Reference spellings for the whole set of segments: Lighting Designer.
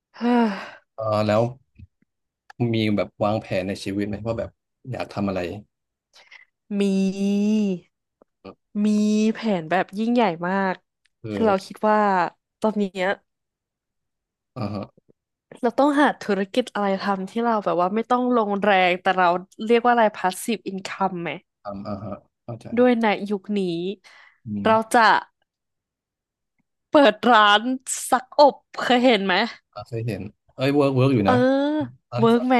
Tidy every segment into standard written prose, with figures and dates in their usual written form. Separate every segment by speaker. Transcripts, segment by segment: Speaker 1: เฮ้อ
Speaker 2: เออแล้วมีแบบวางแผนในชีวิตไหมว่าแบบอยากทำอะไร
Speaker 1: มี มีแผนแบบยิ่งใหญ่มาก
Speaker 2: คื
Speaker 1: คือเรา
Speaker 2: อ
Speaker 1: คิดว่าตอนเนี้ย
Speaker 2: อ่าฮะ
Speaker 1: เราต้องหาธุรกิจอะไรทำที่เราแบบว่าไม่ต้องลงแรงแต่เราเรียกว่าอะไร passive income ไหม
Speaker 2: ทำอ่าฮะเข้าใจ
Speaker 1: ด้วยในยุคนี้
Speaker 2: อืม
Speaker 1: เราจะเปิดร้านซักอบเคยเห็นไหม
Speaker 2: อ่าเคยเห็นเอ้ยเวิร์กเวิร์กอยู่
Speaker 1: เออ
Speaker 2: นะร้าน
Speaker 1: เวิร์ก
Speaker 2: สับ
Speaker 1: ไหม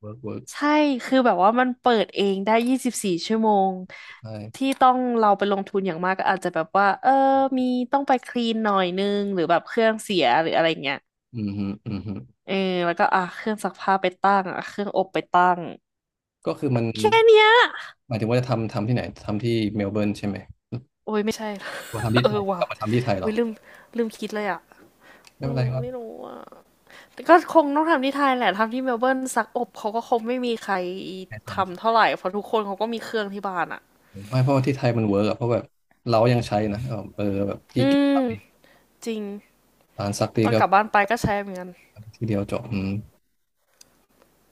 Speaker 2: เวิร์กเวิร์ก
Speaker 1: ใช่คือแบบว่ามันเปิดเองได้24 ชั่วโมง
Speaker 2: ใช่
Speaker 1: ที่ต้องเราไปลงทุนอย่างมากก็อาจจะแบบว่าเออมีต้องไปคลีนหน่อยนึงหรือแบบเครื่องเสียหรืออะไรเงี้ย
Speaker 2: อืมฮึอืมฮึ
Speaker 1: เออแล้วก็อ่ะเครื่องซักผ้าไปตั้งอ่ะเครื่องอบไปตั้ง
Speaker 2: ก็คือมัน
Speaker 1: แค่เนี้ย
Speaker 2: หมายถึงว่าจะทำที่ไหนทำที่เมลเบิร์นใช่ไหม
Speaker 1: โอ้ยไม่ใช่
Speaker 2: มาทำ ที่
Speaker 1: เอ
Speaker 2: ไทย
Speaker 1: อ
Speaker 2: ก
Speaker 1: ว่ะ
Speaker 2: ลับมาทำที่ไทยเหรอ
Speaker 1: วิลืมคิดเลยอ่ะ
Speaker 2: ไม่
Speaker 1: โอ้
Speaker 2: เป็นไรครับ
Speaker 1: ไม่รู้อ่ะแต่ก็คงต้องทำที่ไทยแหละทำที่เมลเบิร์นซักอบเขาก็คงไม่มีใคร
Speaker 2: ให้ท
Speaker 1: ทำเท่าไหร่เพราะทุกคนเขาก็มีเครื่องที่บ้านอ่ะ
Speaker 2: ำไม่เพราะว่าที่ไทยมันเวิร์กอะเพราะแบบเรายังใช้นะเออเออแบบที่
Speaker 1: อื
Speaker 2: เก็บซั
Speaker 1: ม
Speaker 2: กรีด
Speaker 1: จริง
Speaker 2: ร้านซักรี
Speaker 1: ต
Speaker 2: ด
Speaker 1: อน
Speaker 2: ก็
Speaker 1: กลับบ้านไปก็ใช้เหมือนกัน
Speaker 2: ที่เดียวจบอืม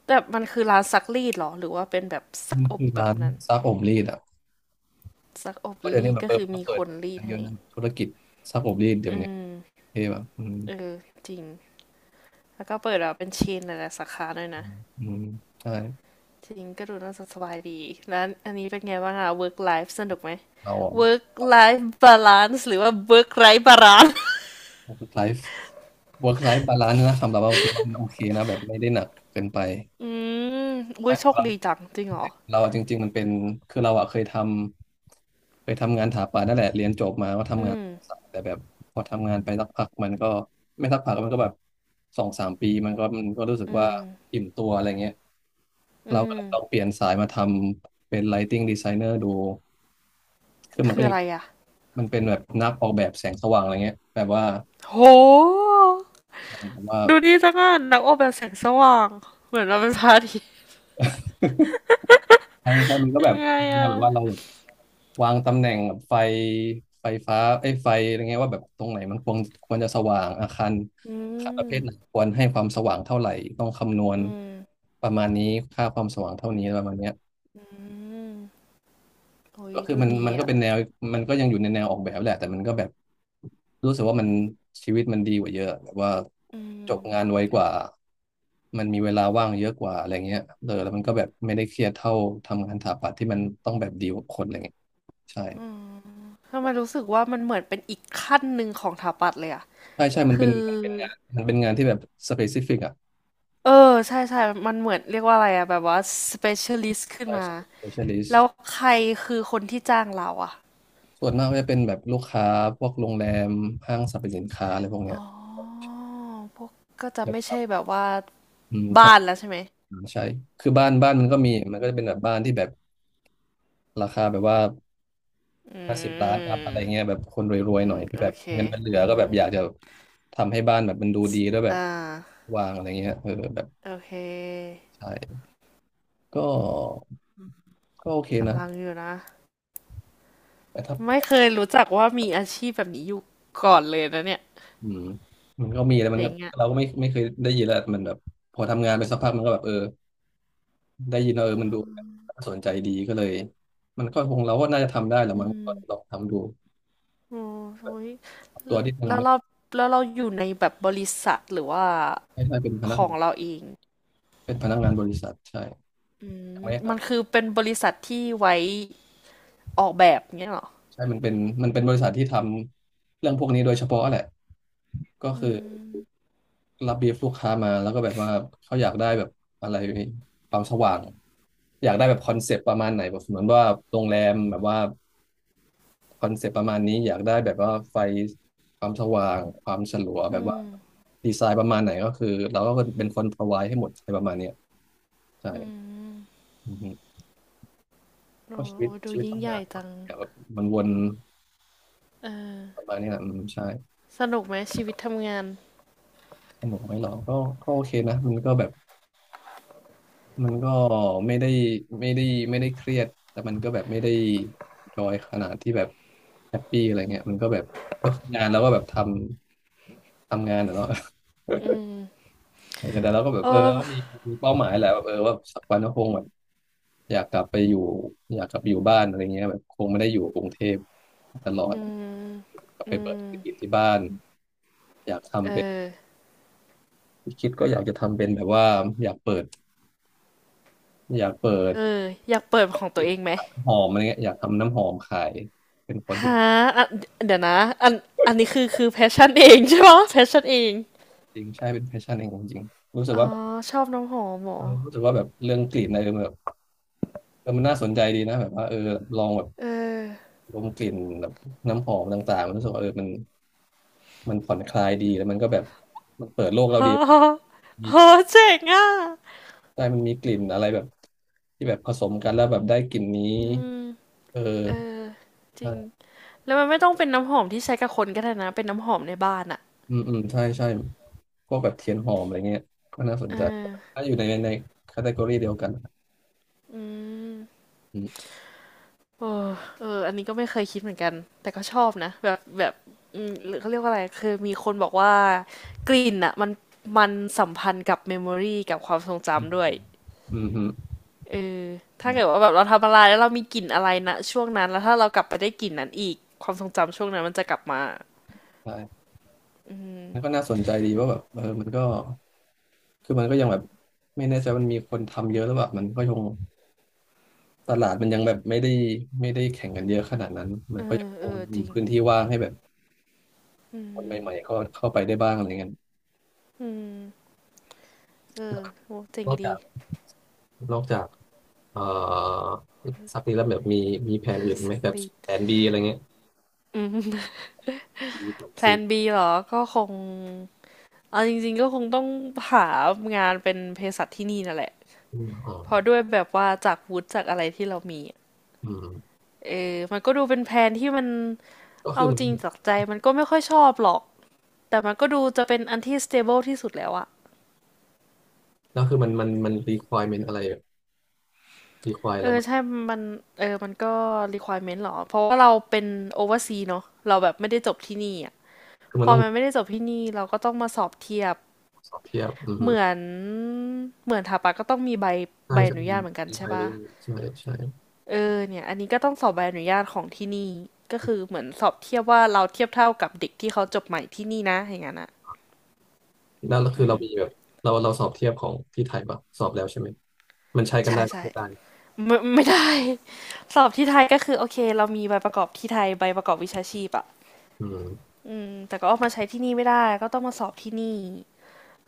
Speaker 1: แต่มันคือร้านซักรีดเหรอหรือว่าเป็นแบบซัก
Speaker 2: มัน
Speaker 1: อบ
Speaker 2: คือ
Speaker 1: แบ
Speaker 2: ร้า
Speaker 1: บ
Speaker 2: น
Speaker 1: นั้น
Speaker 2: ซักอบรีดอะ
Speaker 1: ซักอบ
Speaker 2: เพราะเดี๋ยว
Speaker 1: รี
Speaker 2: นี้
Speaker 1: ด
Speaker 2: แบบ
Speaker 1: ก็
Speaker 2: เออ
Speaker 1: คื
Speaker 2: มั
Speaker 1: อ
Speaker 2: นก็
Speaker 1: มี
Speaker 2: เปิ
Speaker 1: ค
Speaker 2: ด
Speaker 1: นรี
Speaker 2: กั
Speaker 1: ด
Speaker 2: นเยอะ
Speaker 1: ให้
Speaker 2: นะธุรกิจซักอบรีดเดี๋ยว
Speaker 1: อื
Speaker 2: นี้
Speaker 1: ม
Speaker 2: ที่แบบอืม
Speaker 1: เออจริงแล้วก็เปิดแบบเป็นเชนหลายๆสาขาด้วย
Speaker 2: อื
Speaker 1: นะ
Speaker 2: มอืมใช่
Speaker 1: จริงก็ดูน่าจะสบายดีแล้วอันนี้เป็นไงบ้างอะ work life สนุกไหม
Speaker 2: เราอะ
Speaker 1: work life balance หรือว่า work life balance
Speaker 2: work life work life balance นะสำหรับเราถือว่ามันโอเคนะแบบไม่ได้หนักเกินไป
Speaker 1: อืมอุ้
Speaker 2: ไม่
Speaker 1: ย
Speaker 2: ข
Speaker 1: โช
Speaker 2: อง
Speaker 1: ค
Speaker 2: เรา
Speaker 1: ดีจังจริงเหรอ
Speaker 2: เราอะจริงๆมันเป็นคือเราอะเคยทำงานถาปานั่นแหละเรียนจบมาก็ทำ
Speaker 1: อื
Speaker 2: งาน
Speaker 1: ม
Speaker 2: สายแต่แบบพอทำงานไปสักพักมันก็ไม่สักพักมันก็แบบสองสามปีมันก็รู้สึก
Speaker 1: อื
Speaker 2: ว่า
Speaker 1: ม
Speaker 2: อิ่มตัวอะไรเงี้ยเรา
Speaker 1: อื
Speaker 2: ก็เล
Speaker 1: ม
Speaker 2: ยลองเปลี่ยนสายมาทำเป็น Lighting Designer ดู คือมัน
Speaker 1: คื
Speaker 2: ก็
Speaker 1: อ
Speaker 2: ยั
Speaker 1: อะ
Speaker 2: ง
Speaker 1: ไรอะ
Speaker 2: มันเป็นแบบนักออกแบบแสงสว่างอะไรเงี้ยแบบว่า
Speaker 1: โห
Speaker 2: แบบว่า
Speaker 1: ดูนี่สักอันนักออกแบบแสงสว่าง เหมือนเราเป็นพระอาทิตย์
Speaker 2: ใช่ไม่ ใช่มันก็แบ
Speaker 1: ยั
Speaker 2: บ
Speaker 1: งไง
Speaker 2: แนว
Speaker 1: อะ
Speaker 2: แบบว่าเราแบบวางตำแหน่งไฟไฟฟ้าไอ้ยไฟอะไรเงี้ยว่าแบบตรงไหนมันควรจะสว่างอาคาร
Speaker 1: อื
Speaker 2: อาคารประเภ
Speaker 1: ม
Speaker 2: ทไหนควรให้ความสว่างเท่าไหร่ต้องคำนวณ
Speaker 1: อืม
Speaker 2: ประมาณนี้ค่าความสว่างเท่านี้ประมาณเนี้ย
Speaker 1: อืม โอ้ย
Speaker 2: ก็คือ
Speaker 1: ดู
Speaker 2: มัน
Speaker 1: ดี
Speaker 2: มันก็
Speaker 1: อ่ะ
Speaker 2: เป็นแนวมันก็ยังอยู่ในแนวออกแบบแหละแต่มันก็แบบรู้สึกว่ามันชีวิตมันดีกว่าเยอะแบบว่า
Speaker 1: อื
Speaker 2: จบงา
Speaker 1: ม
Speaker 2: นไวกว่ามันมีเวลาว่างเยอะกว่าอะไรเงี้ยเออแล้วมันก็แบบไม่ได้เครียดเท่าทำงานสถาปัตย์ที่มันต้องแบบดีลกับคนอะไรเงี้ยใช่
Speaker 1: อืมทำไมรู้สึกว่ามันเหมือนเป็นอีกขั้นหนึ่งของถาปัตย์เลยอ่ะ
Speaker 2: ใช่ใช่มันเป็
Speaker 1: คื
Speaker 2: น
Speaker 1: อ
Speaker 2: มันเป็นงานมันเป็นงานที่แบบสเปซิฟิกอ่ะ
Speaker 1: เออใช่ใช่มันเหมือนเรียกว่าอะไรอ่ะแบบว่า specialist ขึ้น
Speaker 2: ใช่
Speaker 1: มา
Speaker 2: ใช่
Speaker 1: แล้
Speaker 2: specialist
Speaker 1: วใครคือคนที่จ้างเราอ่ะ
Speaker 2: ส่วนมากก็จะเป็นแบบลูกค้าพวกโรงแรมห้างสรรพสินค้าอะไรพวก
Speaker 1: อ๋
Speaker 2: เนี้ย
Speaker 1: อ พวกก็จะ
Speaker 2: แบ
Speaker 1: ไม่ใช่
Speaker 2: บ
Speaker 1: แบบว่า
Speaker 2: อืมท
Speaker 1: บ้านแล้วใช่ไหม
Speaker 2: ำใช่คือบ้านบ้านมันก็มีมันก็จะเป็นแบบบ้านที่แบบ ราคาแบบว่า
Speaker 1: อื
Speaker 2: 50 ล้านอัพอะไรเงี้ย
Speaker 1: ม
Speaker 2: แบบคนรวย
Speaker 1: อื
Speaker 2: ๆหน่อ
Speaker 1: ม
Speaker 2: ยที่
Speaker 1: โอ
Speaker 2: แบบ
Speaker 1: เค
Speaker 2: เงินมันเหลื
Speaker 1: อื
Speaker 2: อก็
Speaker 1: ม
Speaker 2: แบบอยากจะทำให้บ้านแบบมันดูดีแล้วแบ
Speaker 1: อ่
Speaker 2: บ
Speaker 1: า
Speaker 2: วางอะไรเงี้ยเออแบบ
Speaker 1: โอเค
Speaker 2: ใช่ก็ก็โอเค
Speaker 1: อ
Speaker 2: นะ
Speaker 1: ลังอยู่นะ
Speaker 2: แต่ถ้า
Speaker 1: ไม่เคยรู้จักว่ามีอาชีพแบบนี้อยู่ก่อนเลยนะเนี่ย
Speaker 2: อืมมันก็มีแล้วมัน
Speaker 1: เจ๋
Speaker 2: ก็
Speaker 1: งอ่ะ
Speaker 2: เราก็ไม่เคยได้ยินแล้วมันแบบพอทำงานไปสักพักมันก็แบบเออได้ยินแล้วเออมันดูน่าสนใจดีก็เลยมันก็คงเราก็น่าจะทำได้แหละ
Speaker 1: อื
Speaker 2: มั้งก็ลอง
Speaker 1: ม
Speaker 2: ทำดู
Speaker 1: โอ้ย
Speaker 2: ตัวที่ยัง
Speaker 1: แล้ว
Speaker 2: ไม่
Speaker 1: เราแล้วเราอยู่ในแบบบริษัทหรือว่า
Speaker 2: ใช่เป็นพนั
Speaker 1: ข
Speaker 2: ก
Speaker 1: องเราเอง
Speaker 2: เป็นพนักงานบริษัทใช่
Speaker 1: อื
Speaker 2: ยัง
Speaker 1: ม
Speaker 2: ไม่ได้ท
Speaker 1: มันคือเป็นบริษัทที่ไว้ออกแบบเงี้ยเหรอ
Speaker 2: ใช่มันเป็นบริษัทที่ทำเรื่องพวกนี้โดยเฉพาะแหละก็
Speaker 1: อื
Speaker 2: คือ
Speaker 1: ม
Speaker 2: รับบีฟลูกค้ามาแล้วก็แบบว่าเขาอยากได้แบบอะไรความสว่างอยากได้แบบคอนเซปต์ประมาณไหนแบบเหมือนว่าโรงแรมแบบว่าคอนเซปต์ประมาณนี้อยากได้แบบว่าไฟความสว่างความฉลัวแบ
Speaker 1: อื
Speaker 2: บว่า
Speaker 1: ม
Speaker 2: ดีไซน์ประมาณไหนก็คือเราก็เป็นคน provide ให้หมดอะไรประมาณเนี้ยใช่
Speaker 1: อืม
Speaker 2: อือฮึก็
Speaker 1: โอ้
Speaker 2: ชี
Speaker 1: โห
Speaker 2: วิต
Speaker 1: ดู
Speaker 2: ชีวิต
Speaker 1: ยิ่ง
Speaker 2: ทำ
Speaker 1: ให
Speaker 2: งา
Speaker 1: ญ่
Speaker 2: น
Speaker 1: จัง
Speaker 2: ก็แบบมันวน
Speaker 1: เอ
Speaker 2: ป
Speaker 1: อ
Speaker 2: ระมาณนี้แหละอืมใช่
Speaker 1: สนุกไหมชีวิตทำงาน
Speaker 2: สนุกไหมหรอก็ก็โอเคนะมันก็แบบ มันก็ไม่ได้ไม่ได้ไม่ได้เครียดแต่มันก็แบบไม่ได้จอยขนาดที่แบบแฮปปี้อะไรเงี้ยมันก็แบบก็คืองานแล้วก็แบบทำงานอะเนาะ
Speaker 1: อืม
Speaker 2: เออแต่เราก็แบบ
Speaker 1: เอ
Speaker 2: เออ
Speaker 1: อ
Speaker 2: ก็มีเป้าหมายแหละแบบเออว่าสักวันก็คงแบบอยากกลับไปอยู่อยากกลับไปอยู่บ้านอะไรเงี้ยแบบคงไม่ได้อยู่กรุงเทพตลอด
Speaker 1: อืม
Speaker 2: กลับไป
Speaker 1: อื
Speaker 2: เปิดธุ
Speaker 1: ม
Speaker 2: รกิจที่บ้านอยาก
Speaker 1: เอ
Speaker 2: ทำเป็น
Speaker 1: อ
Speaker 2: คิดก็อยากจะทำเป็นแบบว่าอยากเปิดอยากเปิด
Speaker 1: เอออยากเปิดของ
Speaker 2: ก
Speaker 1: ตัว
Speaker 2: ลิ่น
Speaker 1: เองไหม
Speaker 2: หอมอะไรเงี้ยอยากทำน้ำหอมขายเป็นคน
Speaker 1: ฮ
Speaker 2: ที่
Speaker 1: ะอ่ะเดี๋ยวนะอันอันนี้คือคือแพชชั่นเองใช่ไหมแพชชั่นเอง
Speaker 2: จริงใช่เป็นแพชชั่นเองจริงๆรู้สึก
Speaker 1: อ๋อ
Speaker 2: ว่า
Speaker 1: ชอบน้ำหอมเหร
Speaker 2: เอ
Speaker 1: อ
Speaker 2: อรู้สึกว่าแบบเรื่องกลิ่นอะไรแบบเออมันน่าสนใจดีนะแบบว่าเออลองแบบ
Speaker 1: เออ
Speaker 2: ดมกลิ่นแบบน้ำหอมต่างๆมันรู้สึกว่าเออมันผ่อนคลายดีแล้วมันก็แบบมันเปิดโลกเรา
Speaker 1: ฮ
Speaker 2: ดี
Speaker 1: ะ
Speaker 2: มี
Speaker 1: ฮะเจ๋งอ่ะ
Speaker 2: ได้มันมีกลิ่นอะไรแบบที่แบบผสมกันแล้วแบบได้กลิ่นนี้
Speaker 1: อืม
Speaker 2: เออ
Speaker 1: เออจริ
Speaker 2: ใช่
Speaker 1: งแล้วมันไม่ต้องเป็นน้ำหอมที่ใช้กับคนก็ได้นะเป็นน้ำหอมในบ้านอ่ะ
Speaker 2: อืมอืมใช่ใช่พวกแบบเทียนหอมอะไรเงี้ยก็น่าสน
Speaker 1: เอ
Speaker 2: ใจ
Speaker 1: อ
Speaker 2: ถ้าอยู่ในในแคตตา o r y เดียวกัน
Speaker 1: อืม เออเอออันนี้ก็ไม่เคยคิดเหมือนกัน แต่ก็ชอบนะแบบแบบอืมหรือเขาเรียกว่าอะไรคือมีคนบอกว่ากลิ่นอ่ะมันสัมพันธ์กับเมมโมรีกับความทรง
Speaker 2: อื
Speaker 1: จำด้วย
Speaker 2: มฮึ
Speaker 1: เออ
Speaker 2: อื
Speaker 1: ถ้าเกิด
Speaker 2: ม
Speaker 1: ว่าแบบเราทำอะไรแล้วเรามีกลิ่นอะไรนะช่วงนั้นแล้วถ้าเรากลับไปได้กลิ่นนั้นอีกความทรงจำช่วงนั้นมันจะกลับมา
Speaker 2: ใช่
Speaker 1: อืม
Speaker 2: แล้วก็น่าสนใจดีว่าแบบเออมันก็คือมันก็ยังแบบไม่แน่ใจมันมีคนทำเยอะแร้วแบบมันก็ยังตลาดมันยังแบบไม่ได้แข่งกันเยอะขนาดนั้นมั
Speaker 1: เอ
Speaker 2: นก็ยัง
Speaker 1: อ
Speaker 2: ค
Speaker 1: เอ
Speaker 2: ง
Speaker 1: อจ
Speaker 2: มี
Speaker 1: ริง
Speaker 2: พื้นที่ว่างให้แบบ
Speaker 1: อื
Speaker 2: คน
Speaker 1: ม
Speaker 2: ใหม่ๆเข้าไปได้บ้างอะไรเงี้ย
Speaker 1: อืมเออโหเจ๋
Speaker 2: น
Speaker 1: ง
Speaker 2: อก
Speaker 1: ดี
Speaker 2: จากนอกจากเอ่อซักนี้แล้วแบบมีแผน อื่นไหมแบบ
Speaker 1: exactly
Speaker 2: แผนบีอะไรเงี้ย
Speaker 1: อืม
Speaker 2: มแผน
Speaker 1: แพล
Speaker 2: ซี
Speaker 1: น B เหรอ ก็คง เอาจริงๆก็คงต้องหางานเป็นเภสัชที่นี่นั่นแหละ
Speaker 2: อมอ๋อ
Speaker 1: เพราะด้วยแบบว่าจากวุฒิจากอะไรที่เรามีอะ
Speaker 2: อืม
Speaker 1: เออมันก็ดูเป็นแผนที่มัน
Speaker 2: ก็คื
Speaker 1: เอา
Speaker 2: อมัน
Speaker 1: จริงจากใจมันก็ไม่ค่อยชอบหรอกแต่มันก็ดูจะเป็นอันที่ stable ที่สุดแล้วอะ
Speaker 2: ก็คือมันรีควอร e เมนอะไรรีควอรอะ
Speaker 1: เอ
Speaker 2: ไร
Speaker 1: อ
Speaker 2: บ้า
Speaker 1: ใช่
Speaker 2: ง
Speaker 1: มันเออมันก็ requirement หรอเพราะว่าเราเป็น overseas เนอะเราแบบไม่ได้จบที่นี่อะ
Speaker 2: คือ
Speaker 1: พ
Speaker 2: มัน
Speaker 1: อ
Speaker 2: ต้อง
Speaker 1: มันไม่ได้จบที่นี่เราก็ต้องมาสอบเทียบ
Speaker 2: สอบเทียบอือ
Speaker 1: เห
Speaker 2: ฮึ
Speaker 1: มือนเหมือนถาปะก็ต้องมีใบ
Speaker 2: ใช่
Speaker 1: ใบอ
Speaker 2: ใช่
Speaker 1: นุ
Speaker 2: มี
Speaker 1: ญาตเหมือนกัน
Speaker 2: มีไป
Speaker 1: ใช่
Speaker 2: เรื่
Speaker 1: ปะ
Speaker 2: อยๆใช่ใช่
Speaker 1: เออเนี่ยอันนี้ก็ต้องสอบใบอนุญาตของที่นี่ก็คือเหมือนสอบเทียบว่าเราเทียบเท่ากับเด็กที่เขาจบใหม่ที่นี่นะอย่างนั้นอ่ะ
Speaker 2: นั่นก็คือ
Speaker 1: อื
Speaker 2: เรามีแบ
Speaker 1: ม
Speaker 2: บเราสอบเทียบของที่ไทยปะสอบแล้วใช่ไหม มันใช้กัน
Speaker 1: ใช่
Speaker 2: ได้ปะ
Speaker 1: ใช่
Speaker 2: ไม่ได้
Speaker 1: ไม่ได้ สอบที่ไทยก็คือโอเคเรามีใบประกอบที่ไทยใบประกอบวิชาชีพอ่ะ
Speaker 2: อืม
Speaker 1: อืมแต่ก็เอามาใช้ที่นี่ไม่ได้ก็ต้องมาสอบที่นี่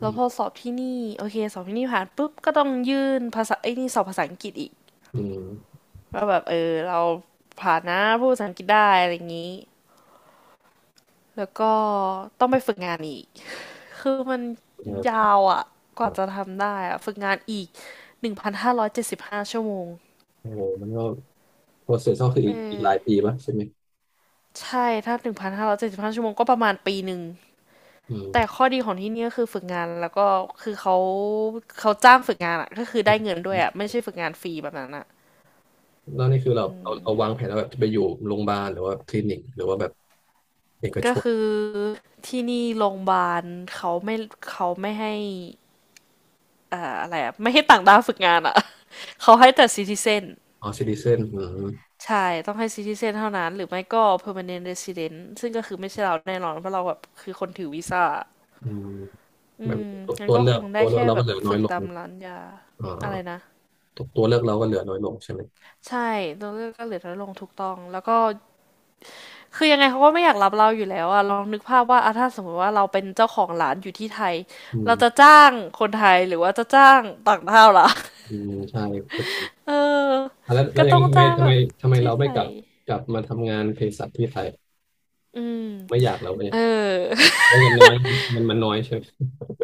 Speaker 2: อื
Speaker 1: แล้วพอ
Speaker 2: ม
Speaker 1: สอบที่นี่โอเคสอบที่นี่ผ่านปุ๊บก็ต้องยื่นภาษาไอ้นี่สอบภาษาอังกฤษอีก
Speaker 2: อืม
Speaker 1: ว่าแบบเออเราผ่านนะพูดภาษาอังกฤษได้อะไรอย่างนี้แล้วก็ต้องไปฝึกงานอีก คือมัน
Speaker 2: เออ
Speaker 1: ยาวอ่ะกว่า
Speaker 2: แบบ
Speaker 1: จะทำได้อ่ะฝึกงานอีก1,575 ชั่วโมง
Speaker 2: โอ้โหมันก็โปรเซสก็คือ
Speaker 1: เอ
Speaker 2: อีก
Speaker 1: อ
Speaker 2: หลายปีปะใช่ไหม
Speaker 1: ใช่ ถ้า1,575 ชั่วโมงก็ประมาณ1 ปี
Speaker 2: อื
Speaker 1: แต่
Speaker 2: ม
Speaker 1: ข้อดีของที่นี่ก็คือฝึกงานแล้วก็คือเขาจ้างฝึกงานอ่ะก็คือ
Speaker 2: อ
Speaker 1: ได้เงินด้ว
Speaker 2: ื
Speaker 1: ย
Speaker 2: ม
Speaker 1: อ่ะไม่ใช่ฝึกงานฟรีแบบนั้นอ่ะ
Speaker 2: แล้วนี่คือเราวางแผนแล้วแบบจะไปอยู่โรงพยาบาลหรือว่าคลินิกหรือว่าแบบเอกช
Speaker 1: ก็
Speaker 2: น
Speaker 1: คือที่นี่โรงพยาบาลเขาไม่ เขาไม่ให้อะไรอ่ะไม่ให้ต่างด้าวฝึกงานอ่ะ เขาให้แต่ซิติเซน
Speaker 2: อ๋อซิติเซนอืม
Speaker 1: ใช่ ต้องให้ซิติเซนเท่านั้นหรือไม่ก็ permanent resident ซึ่งก็คือไม่ใช่เราแน่นอนเพราะเราแบบคือคนถือวีซ่า
Speaker 2: อืม
Speaker 1: อื
Speaker 2: แบบ
Speaker 1: ม
Speaker 2: ตัว
Speaker 1: งั้น
Speaker 2: ตัว
Speaker 1: ก็
Speaker 2: เลื
Speaker 1: ค
Speaker 2: อก
Speaker 1: ง
Speaker 2: ตั
Speaker 1: ได้
Speaker 2: วเลือก
Speaker 1: แค่
Speaker 2: เรา
Speaker 1: แบ
Speaker 2: ก็
Speaker 1: บ
Speaker 2: เหลือน้อ
Speaker 1: ฝึ
Speaker 2: ย
Speaker 1: ก
Speaker 2: ลง
Speaker 1: ตามร้านยา
Speaker 2: เอ่อ
Speaker 1: อะไรนะ
Speaker 2: ตัวเลือกเราก็เหลือน้อยลงใช่ไหม
Speaker 1: ใช่ตัวเลือกก็เหลือน้อยลงถูกต้องแล้วก็คือยังไงเขาก็ไม่อยากรับเราอยู่แล้วอะลองนึกภาพว่าอะถ้าสมมติว่าเราเป็นเจ้าของร้านอยู่ที่ไทย
Speaker 2: อื
Speaker 1: เรา
Speaker 2: ม
Speaker 1: จะจ้างคนไทยหรือว่าจะจ้างต่างด้าวล่ะ
Speaker 2: อืมใช่ก็จริง
Speaker 1: เออ
Speaker 2: อ่ะแล้วแล้
Speaker 1: ก็
Speaker 2: วยัง
Speaker 1: ต้องจ้างแบบ
Speaker 2: ทำไม
Speaker 1: ที่
Speaker 2: เรา
Speaker 1: ไท
Speaker 2: ไม่กลั
Speaker 1: ย
Speaker 2: บกลับมาทำงานเภสัชที่ไทย
Speaker 1: อืม
Speaker 2: ไม่อยากเราเนี่ย
Speaker 1: เออ
Speaker 2: ว่าะเงินน้อยมันน้อยใช่ไหม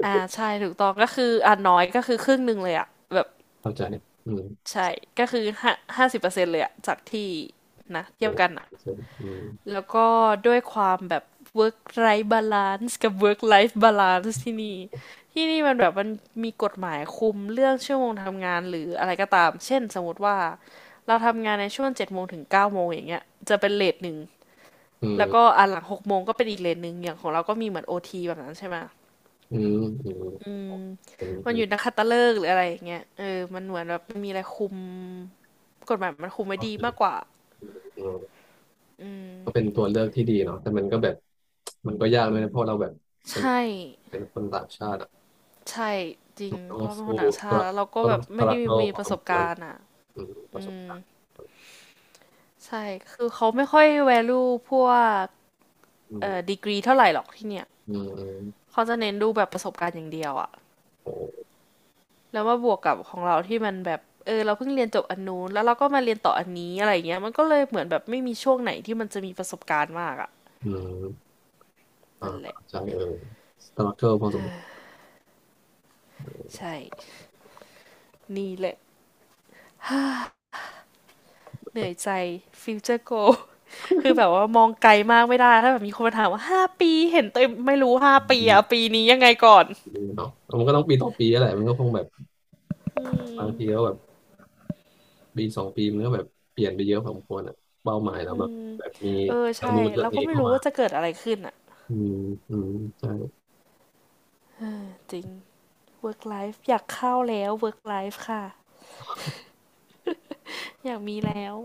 Speaker 1: อ่าใช่ถูกต้องก็คืออ่าน้อยก็คือครึ่งหนึ่งเลยอะแบบ
Speaker 2: เข้าใจอืม
Speaker 1: ใช่ก็คือ50%เลยอะจากที่นะเที
Speaker 2: โอ้
Speaker 1: ยบกันอะ
Speaker 2: อืม
Speaker 1: แล้วก็ด้วยความแบบ work life balance กับ work life balance ที่นี่ที่นี่มันแบบมันมีกฎหมายคุมเรื่องชั่วโมงทำงานหรืออะไรก็ตามเช่นสมมติว่าเราทำงานในช่วง7 โมงถึง9 โมงอย่างเงี้ยจะเป็นเลทหนึ่งแล้วก็อันหลัง6 โมงก็เป็นอีกเลทหนึ่งอย่างของเราก็มีเหมือนโอทีแบบนั้นใช่ไหม
Speaker 2: อืมอืม
Speaker 1: อืม
Speaker 2: อืมเป็น
Speaker 1: มันอยู่นักขัตฤกษ์หรืออะไรอย่างเงี้ยเออมันเหมือนแบบมันมีอะไรคุมกฎหมายมันคุมไว้
Speaker 2: ก็
Speaker 1: ดี
Speaker 2: คือ
Speaker 1: มากกว่า
Speaker 2: อืม
Speaker 1: อืม
Speaker 2: ก็เป็นตัวเลือกที่ดีเนาะแต่มันก็แบบมันก็ยากเลยนะเพราะเราแบบ
Speaker 1: ใช
Speaker 2: เป็น
Speaker 1: ่
Speaker 2: คนต่างชาติอ่ะ
Speaker 1: ใช่จริง
Speaker 2: มัน
Speaker 1: เพ
Speaker 2: ต้อ
Speaker 1: ราะ
Speaker 2: ง
Speaker 1: เราเป็นค
Speaker 2: สู้
Speaker 1: นต่าง
Speaker 2: สต
Speaker 1: ชาติ
Speaker 2: รัค
Speaker 1: แล้วเราก็
Speaker 2: ก็
Speaker 1: แบ
Speaker 2: ต้อ
Speaker 1: บ
Speaker 2: งสต
Speaker 1: ไม่
Speaker 2: รั
Speaker 1: ได้
Speaker 2: คเกิล
Speaker 1: มี
Speaker 2: พอ
Speaker 1: ป
Speaker 2: ส
Speaker 1: ระส
Speaker 2: ม
Speaker 1: บ
Speaker 2: ควร
Speaker 1: การณ์อ่ะ
Speaker 2: อืมประสบการณ์
Speaker 1: ใช่คือเขาไม่ค่อย value พวก
Speaker 2: อืม
Speaker 1: ดีกรีเท่าไหร่หรอกที่เนี่ย
Speaker 2: อืมอืม
Speaker 1: เขาจะเน้นดูแบบประสบการณ์อย่างเดียวอ่ะ
Speaker 2: โอ้
Speaker 1: แล้วมาบวกกับของเราที่มันแบบเออเราเพิ่งเรียนจบอันนู้นแล้วเราก็มาเรียนต่ออันนี้อะไรอย่างเงี้ยมันก็เลยเหมือนแบบไม่มีช่วงไหนที่มันจะมีประสบการณ์มากอ่ะ
Speaker 2: อืม อ่า
Speaker 1: นั่นแหละ
Speaker 2: ใช่เออสตาร์เกิพอสมควร
Speaker 1: ใช่ นี่แหละเหนื่อยใจฟิวเจอร์โก คือแบบว่ามองไกลมากไม่ได้ถ้าแบบมีคนมาถามว่าห้าปีเห็นตัวเไม่รู้ห้า
Speaker 2: อื
Speaker 1: ปี
Speaker 2: ม
Speaker 1: อะปีนี้ยังไงก่อน
Speaker 2: ดีเนาะมันก็ต้องปีต่อปีแหละมันก็คงแบบ
Speaker 1: อื
Speaker 2: บาง
Speaker 1: ม
Speaker 2: ทีก็แบบปีสองปีมันก็แบบเปลี่ยนไปเยอะพอสมควรอ่ะเป้าหมายแล้ว
Speaker 1: อื
Speaker 2: แบบ
Speaker 1: ม
Speaker 2: แบบมี
Speaker 1: เออ
Speaker 2: ทาง
Speaker 1: ใช่
Speaker 2: นู้นเรื่อง
Speaker 1: เราก็
Speaker 2: นี้
Speaker 1: ไม่
Speaker 2: เข้า
Speaker 1: รู้
Speaker 2: มา
Speaker 1: ว่าจะเกิดอะไรขึ้นอะ
Speaker 2: อืมอืมใช่
Speaker 1: จริง work life อยากเข้าแล้ว work life ค่ะอยากมีแล้ว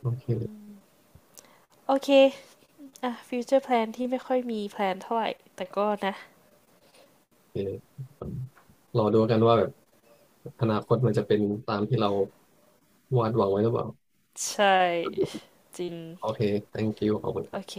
Speaker 2: โอเค
Speaker 1: โอเคอ่ะ future plan ที่ไม่ค่อยมีแพลนเท่าไหร่แต่ก็นะ
Speaker 2: โอเครอดูกันว่าแบบอนาคตมันจะเป็นตามที่เราวาดหวังไว้หรือเปล่า
Speaker 1: ใช่จริง
Speaker 2: โอเค thank you ขอบคุณ
Speaker 1: โอเค